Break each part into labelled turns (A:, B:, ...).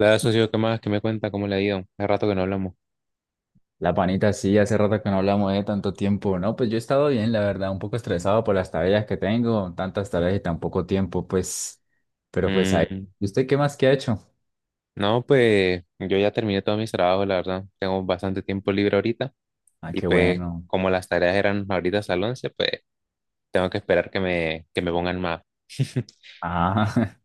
A: Hola, socio, ¿qué más? ¿Qué me cuenta? ¿Cómo le ha ido? Hace rato que no hablamos.
B: La panita, sí, hace rato que no hablamos de tanto tiempo. No, pues yo he estado bien, la verdad, un poco estresado por las tareas que tengo, tantas tareas y tan poco tiempo, pues, pero pues ahí.
A: Mm,
B: ¿Y usted qué más que ha hecho?
A: no, pues yo ya terminé todos mis trabajos, la verdad. Tengo bastante tiempo libre ahorita
B: Ah,
A: y
B: qué
A: pues
B: bueno.
A: como las tareas eran ahorita hasta las 11, pues tengo que esperar que me pongan más.
B: Ah,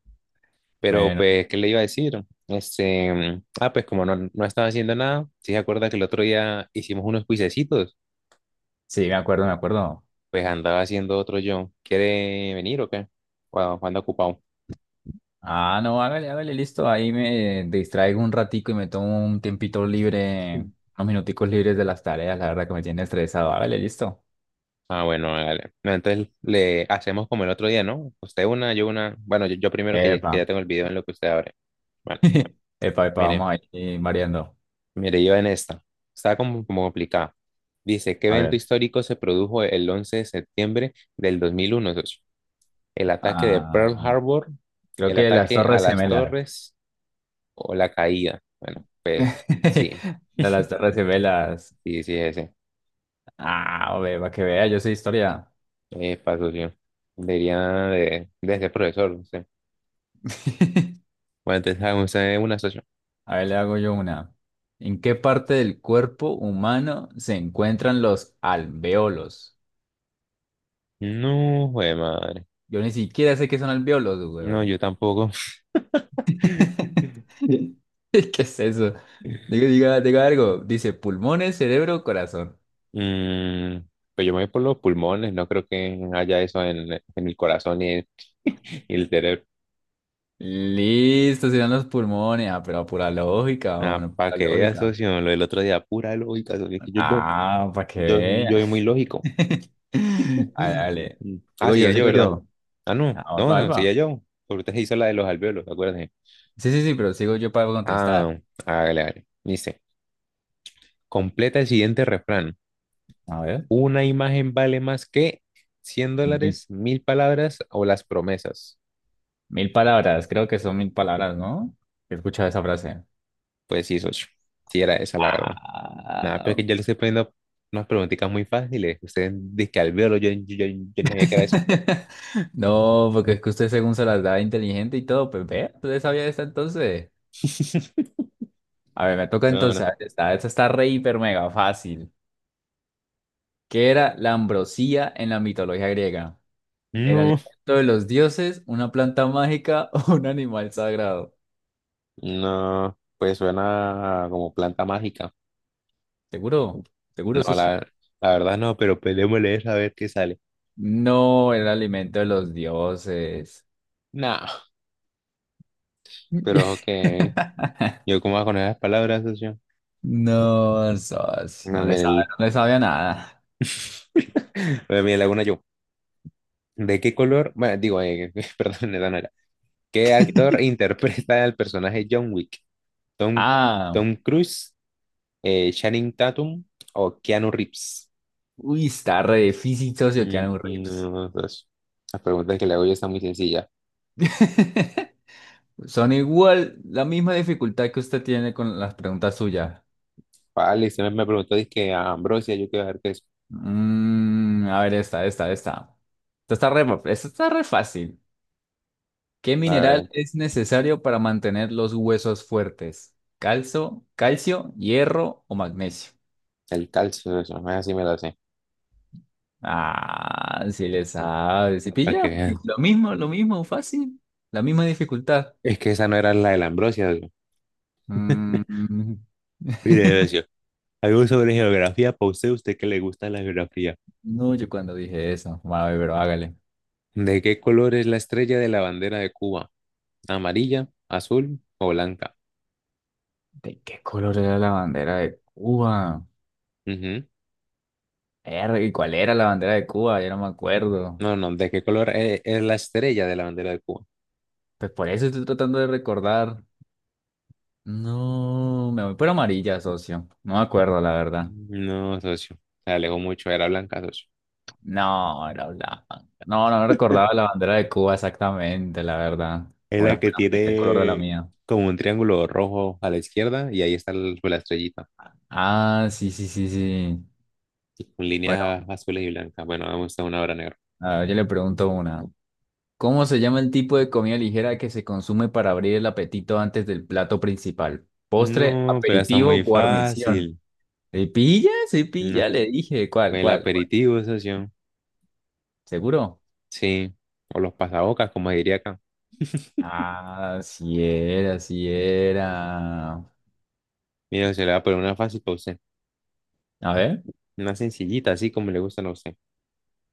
A: Pero
B: bueno,
A: pues, ¿qué le iba a decir? Pues como no estaba haciendo nada, si se acuerda que el otro día hicimos unos cuisecitos,
B: sí, me acuerdo, me acuerdo.
A: pues andaba haciendo otro yo. ¿Quiere venir o qué? Cuando anda ocupado.
B: Ah, no, hágale, hágale, listo. Ahí me distraigo un ratico y me tomo un tiempito libre, unos minuticos libres de las tareas, la verdad que me tiene estresado. Hágale, listo.
A: Ah, bueno, hágale. No, entonces le hacemos como el otro día, ¿no? Usted una, yo una. Bueno, yo primero
B: Epa.
A: que ya tengo el video en lo que usted abre. Bueno,
B: Epa, epa, vamos
A: mire,
B: ahí variando.
A: mire, yo en esta. Está como complicada. Dice, ¿qué
B: A
A: evento
B: ver.
A: histórico se produjo el 11 de septiembre del 2001, socio? ¿El ataque de Pearl
B: Ah.
A: Harbor?
B: Creo
A: ¿El
B: que las
A: ataque a
B: Torres
A: las
B: Gemelas.
A: torres? ¿O la caída? Bueno, pues sí,
B: Las Torres Gemelas.
A: sí, sí, ese.
B: Ah, hombre, para que vea, yo sé historia.
A: Paso. Debería de ser profesor, no sé. Bueno, entonces, hagamos, una, socio.
B: A ver, le hago yo una. ¿En qué parte del cuerpo humano se encuentran los alveolos?
A: No, jue madre.
B: Yo ni siquiera sé qué son alveolos,
A: No,
B: weón.
A: yo tampoco.
B: ¿Qué es eso? Diga, diga, diga algo. Dice pulmones, cerebro, corazón.
A: Mm, pues yo me voy por los pulmones, no creo que haya eso en el corazón y el, y el cerebro.
B: Listo, serán los pulmones. Ah, pero a pura lógica,
A: Ah,
B: una
A: para
B: pura
A: que veas,
B: lógica.
A: socio, lo del otro día, pura lógica, socio, que yo, yo,
B: Ah, para que
A: yo, yo soy
B: vea.
A: muy lógico.
B: Dale,
A: Mm.
B: dale.
A: Ah,
B: Sigo
A: sí, ya
B: yo,
A: yo,
B: sigo
A: ¿verdad?
B: yo.
A: Ah, no,
B: Ah, va,
A: no, sí, ya
B: va.
A: yo, porque usted se hizo la de los alvéolos, acuérdense.
B: Sí, sí, sí, pero sigo yo para contestar.
A: Ah, hágale, hágale. Dice, completa el siguiente refrán.
B: A ver,
A: Una imagen vale más que 100
B: mil,
A: dólares, mil palabras o las promesas.
B: mil palabras, creo que son mil palabras, ¿no? He escuchado esa frase.
A: Pues sí, socio. Sí, era esa la verdad. Nada, pero es
B: Ah,
A: que yo le estoy poniendo unas preguntitas muy fáciles. Ustedes dicen que al verlo, yo ni sabía que era eso.
B: no, porque es que usted según se las da inteligente y todo, pues ve, usted sabía esta entonces. A ver, me toca
A: No, no.
B: entonces. Esta está re hiper mega fácil. ¿Qué era la ambrosía en la mitología griega? ¿El
A: No,
B: alimento de los dioses, una planta mágica o un animal sagrado?
A: no, pues suena como planta mágica.
B: Seguro, seguro
A: No,
B: socio.
A: la, la verdad no, pero peleémosle esa a ver qué sale.
B: No, el alimento de los dioses.
A: No, pero ojo que yo como con las palabras, socio.
B: No, socio,
A: No,
B: no le
A: mire,
B: sabe,
A: el-
B: no le sabe a nada.
A: bueno, mire, le hago una yo. ¿De qué color? Bueno, digo, perdón, esa no era. ¿Qué actor interpreta al personaje John Wick? Tom,
B: Ah,
A: Tom Cruise, Channing Tatum o Keanu Reeves.
B: uy, está re difícil, socio, que
A: Mm,
B: un rips.
A: no, pues, la pregunta que le hago yo está muy sencilla.
B: Son igual, la misma dificultad que usted tiene con las preguntas suyas.
A: Vale, me preguntó, dizque, a Ambrosia, yo quiero ver qué es.
B: Mm, a ver, esta, esta, esta. Esta está re, esta está re fácil. ¿Qué
A: A ver,
B: mineral es necesario para mantener los huesos fuertes? ¿Calcio, calcio, hierro o magnesio?
A: el calcio, eso, más así me lo sé.
B: Ah, si le sabes. ¿Sí
A: Para que
B: pilla?
A: vean.
B: Lo mismo, fácil. La misma dificultad.
A: Es que esa no era la de la Ambrosia, socio.
B: Mm.
A: Mire, socio, algo sobre geografía para usted, usted que le gusta la geografía.
B: No, yo cuando dije eso. Vale, pero hágale.
A: ¿De qué color es la estrella de la bandera de Cuba? ¿Amarilla, azul o blanca?
B: ¿De qué color era la bandera de Cuba?
A: Ujú.
B: Verga, ¿y cuál era la bandera de Cuba? Ya no me acuerdo.
A: No, no, ¿de qué color es la estrella de la bandera de Cuba?
B: Pues por eso estoy tratando de recordar. No, me voy por amarilla, socio. No me acuerdo, la verdad.
A: No, socio. Se alejó mucho. Era blanca, socio.
B: No, era blanca. No, no recordaba la bandera de Cuba exactamente, la verdad.
A: Es
B: Ahora
A: la que
B: espera, me sé el color de la
A: tiene
B: mía.
A: como un triángulo rojo a la izquierda y ahí está la estrellita.
B: Ah, sí, sí, sí, sí.
A: Y con
B: Bueno,
A: líneas azules y blancas. Bueno, vamos a una hora negra.
B: a ver, yo le pregunto una. ¿Cómo se llama el tipo de comida ligera que se consume para abrir el apetito antes del plato principal? Postre,
A: No, pero está
B: aperitivo,
A: muy
B: guarnición.
A: fácil.
B: ¿Se pilla? ¿Se
A: No.
B: pilla? Le dije. ¿Cuál,
A: Pues el
B: cuál, cuál?
A: aperitivo, socio.
B: ¿Seguro?
A: Sí. O los pasabocas, como diría acá.
B: Ah, sí era, sí era.
A: Mira, se le va a poner una fácil para usted.
B: A ver.
A: Una sencillita, así como le gustan a usted.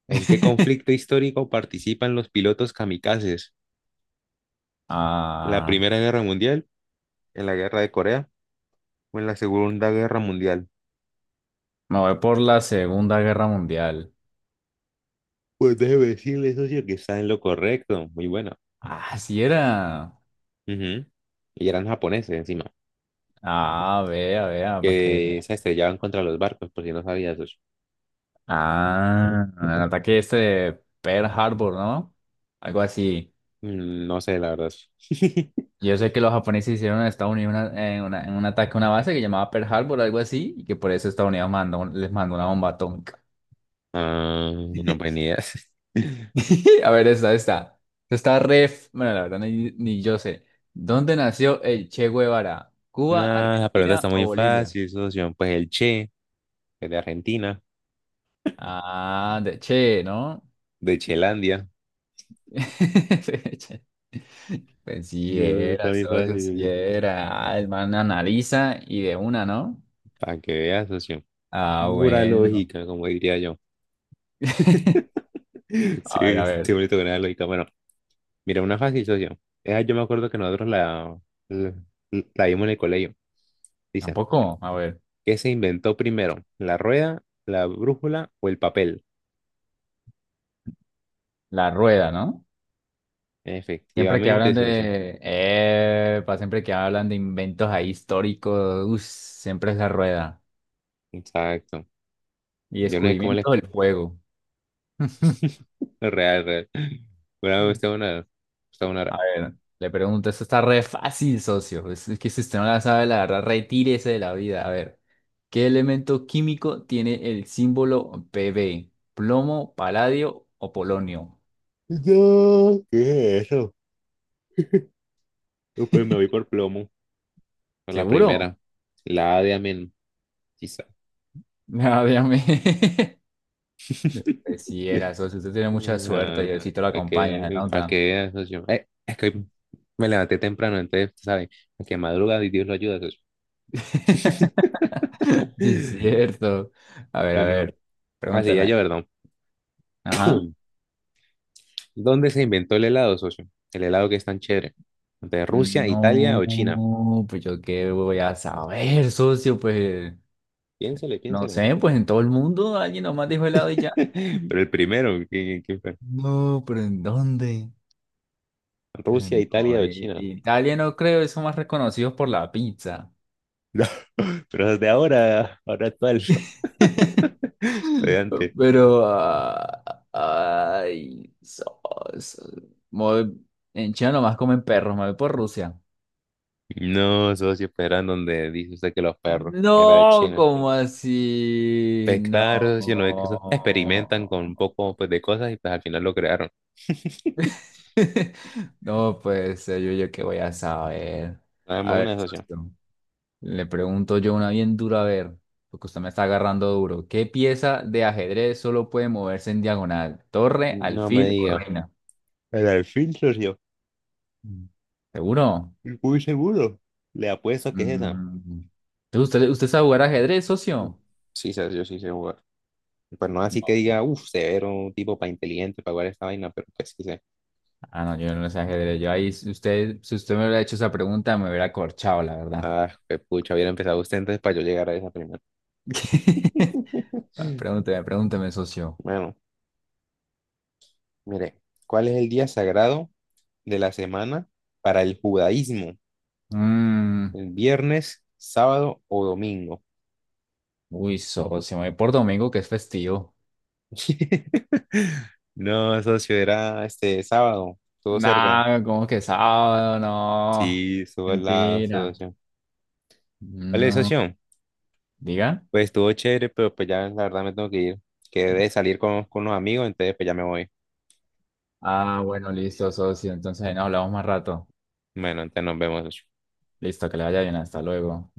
A: ¿En qué conflicto histórico participan los pilotos kamikazes? ¿En ¿La
B: Ah.
A: Primera Guerra Mundial? ¿En la Guerra de Corea? Fue en la Segunda Guerra Mundial.
B: Me voy por la Segunda Guerra Mundial.
A: Pues déjeme decirle, socio, que está en lo correcto. Muy bueno.
B: Ah, sí era.
A: Ujú. Y eran japoneses encima,
B: Ah, vea, vea, para que.
A: que se estrellaban contra los barcos, por si no sabías, socio.
B: Ah, el ataque este de Pearl Harbor, ¿no? Algo así.
A: Mm, no sé, la verdad.
B: Yo sé que los japoneses hicieron en Estados Unidos en un ataque a una base que llamaba Pearl Harbor, algo así, y que por eso Estados Unidos les mandó una bomba atómica.
A: Ah, no, pues ni idea.
B: A ver, esta, esta. Esta está ref. Bueno, la verdad, ni yo sé. ¿Dónde nació el Che Guevara?
A: No,
B: ¿Cuba,
A: la pregunta está
B: Argentina o
A: muy
B: Bolivia?
A: fácil, socio. Pues el Che, que es de Argentina,
B: Ah, de Che, ¿no?
A: de Chelandia.
B: Pues sí
A: Mm, está
B: era,
A: muy
B: socio, sí
A: fácil,
B: era. Ah, el man analiza y de una, ¿no?
A: para que veas, socio.
B: Ah,
A: Pura
B: bueno.
A: lógica, como diría yo.
B: A ver,
A: Sí,
B: a
A: sí,
B: ver.
A: bonito que era lógica. Bueno, mira, una fácil, socio. Esa yo me acuerdo que nosotros la, la, la vimos en el colegio. Dice,
B: Tampoco, a ver.
A: ¿qué se inventó primero? ¿La rueda, la brújula o el papel?
B: La rueda, ¿no? Siempre que
A: Efectivamente,
B: hablan
A: socio.
B: de... Epa, siempre que hablan de inventos ahí históricos, uff, siempre es la rueda.
A: Exacto.
B: Y
A: Yo no sé cómo le...
B: descubrimiento del fuego.
A: Real, real. Bueno, usted una... Usted una...
B: A
A: ra-
B: ver, le pregunto, esto está re fácil, socio. Es que si usted no la sabe, la verdad, retírese de la vida. A ver, ¿qué elemento químico tiene el símbolo Pb? ¿Plomo, paladio o polonio?
A: No, ¿qué es eso? Pues me voy por plomo. Por la
B: ¿Seguro?
A: primera. La A de amén, quizá.
B: No, obviamente. Pues sí, era socio. Usted tiene mucha suerte.
A: Ah,
B: Diosito lo acompaña, se
A: para que
B: nota.
A: veas, socio. Es que hoy me levanté temprano, entonces, ¿sabes? Que madruga y Dios lo ayuda, socio.
B: Sí, es cierto. A
A: Bueno,
B: ver,
A: así ya yo,
B: pregúnteme.
A: perdón.
B: Ajá.
A: ¿Dónde se inventó el helado, socio? El helado que es tan chévere. ¿De Rusia, Italia o China?
B: No, pues yo qué voy a saber, socio, pues.
A: Piénsele,
B: No
A: piénsele.
B: sé, pues en todo el mundo alguien nomás dijo helado y ya.
A: Pero el primero, ¿qué- qué fue?
B: No, pero ¿en dónde?
A: ¿Rusia, Italia
B: No,
A: o China?
B: Italia no creo, son más reconocidos por la pizza.
A: No, pero desde ahora, ahora actual. Adelante.
B: Pero, ah, ay, so- me voy- en China nomás comen perros, me voy por Rusia.
A: No, socio, pero eran donde dice usted que los perros, era de
B: No,
A: China.
B: ¿cómo así?
A: Pues claro,
B: No.
A: socio, no es que eso experimentan con un poco pues, de cosas y pues al final lo crearon.
B: No, pues yo qué voy a saber.
A: Dame
B: A ver,
A: una, socio.
B: socio. Le pregunto yo una bien dura, a ver, porque usted me está agarrando duro. ¿Qué pieza de ajedrez solo puede moverse en diagonal? ¿Torre,
A: No me
B: alfil o
A: diga.
B: reina?
A: El delfín, socio.
B: Mm. ¿Seguro?
A: Muy seguro. Le apuesto que es esa.
B: Mm. ¿Usted sabe jugar ajedrez, socio?
A: Sí, socio, sí sé jugar. Pues no así que
B: No.
A: diga, uff, severo, un tipo para inteligente para jugar esta vaina, pero pues sí sé.
B: Ah, no, yo no sé ajedrez. Yo ahí, si usted me hubiera hecho esa pregunta, me hubiera corchado, la verdad.
A: Ah, qué pucha, hubiera empezado usted entonces para yo llegar a esa primera.
B: Ah, pregúnteme, pregúnteme, socio.
A: Bueno, mire, ¿cuál es el día sagrado de la semana para el judaísmo?
B: Mm.
A: ¿El viernes, sábado o domingo?
B: Uy, socio, me voy por domingo, que es festivo.
A: No, socio, era este sábado, estuvo cerca.
B: Nada, ¿cómo que sábado? No,
A: Sí, estuvo al lado,
B: mentira.
A: socio. Vale,
B: No,
A: socio,
B: diga.
A: pues estuvo chévere, pero pues ya la verdad me tengo que ir. Quedé de salir con unos amigos, entonces pues ya me voy.
B: Ah, bueno, listo, socio. Entonces ahí nos hablamos más rato.
A: Bueno, entonces nos vemos, socio.
B: Listo, que le vaya bien. Hasta luego.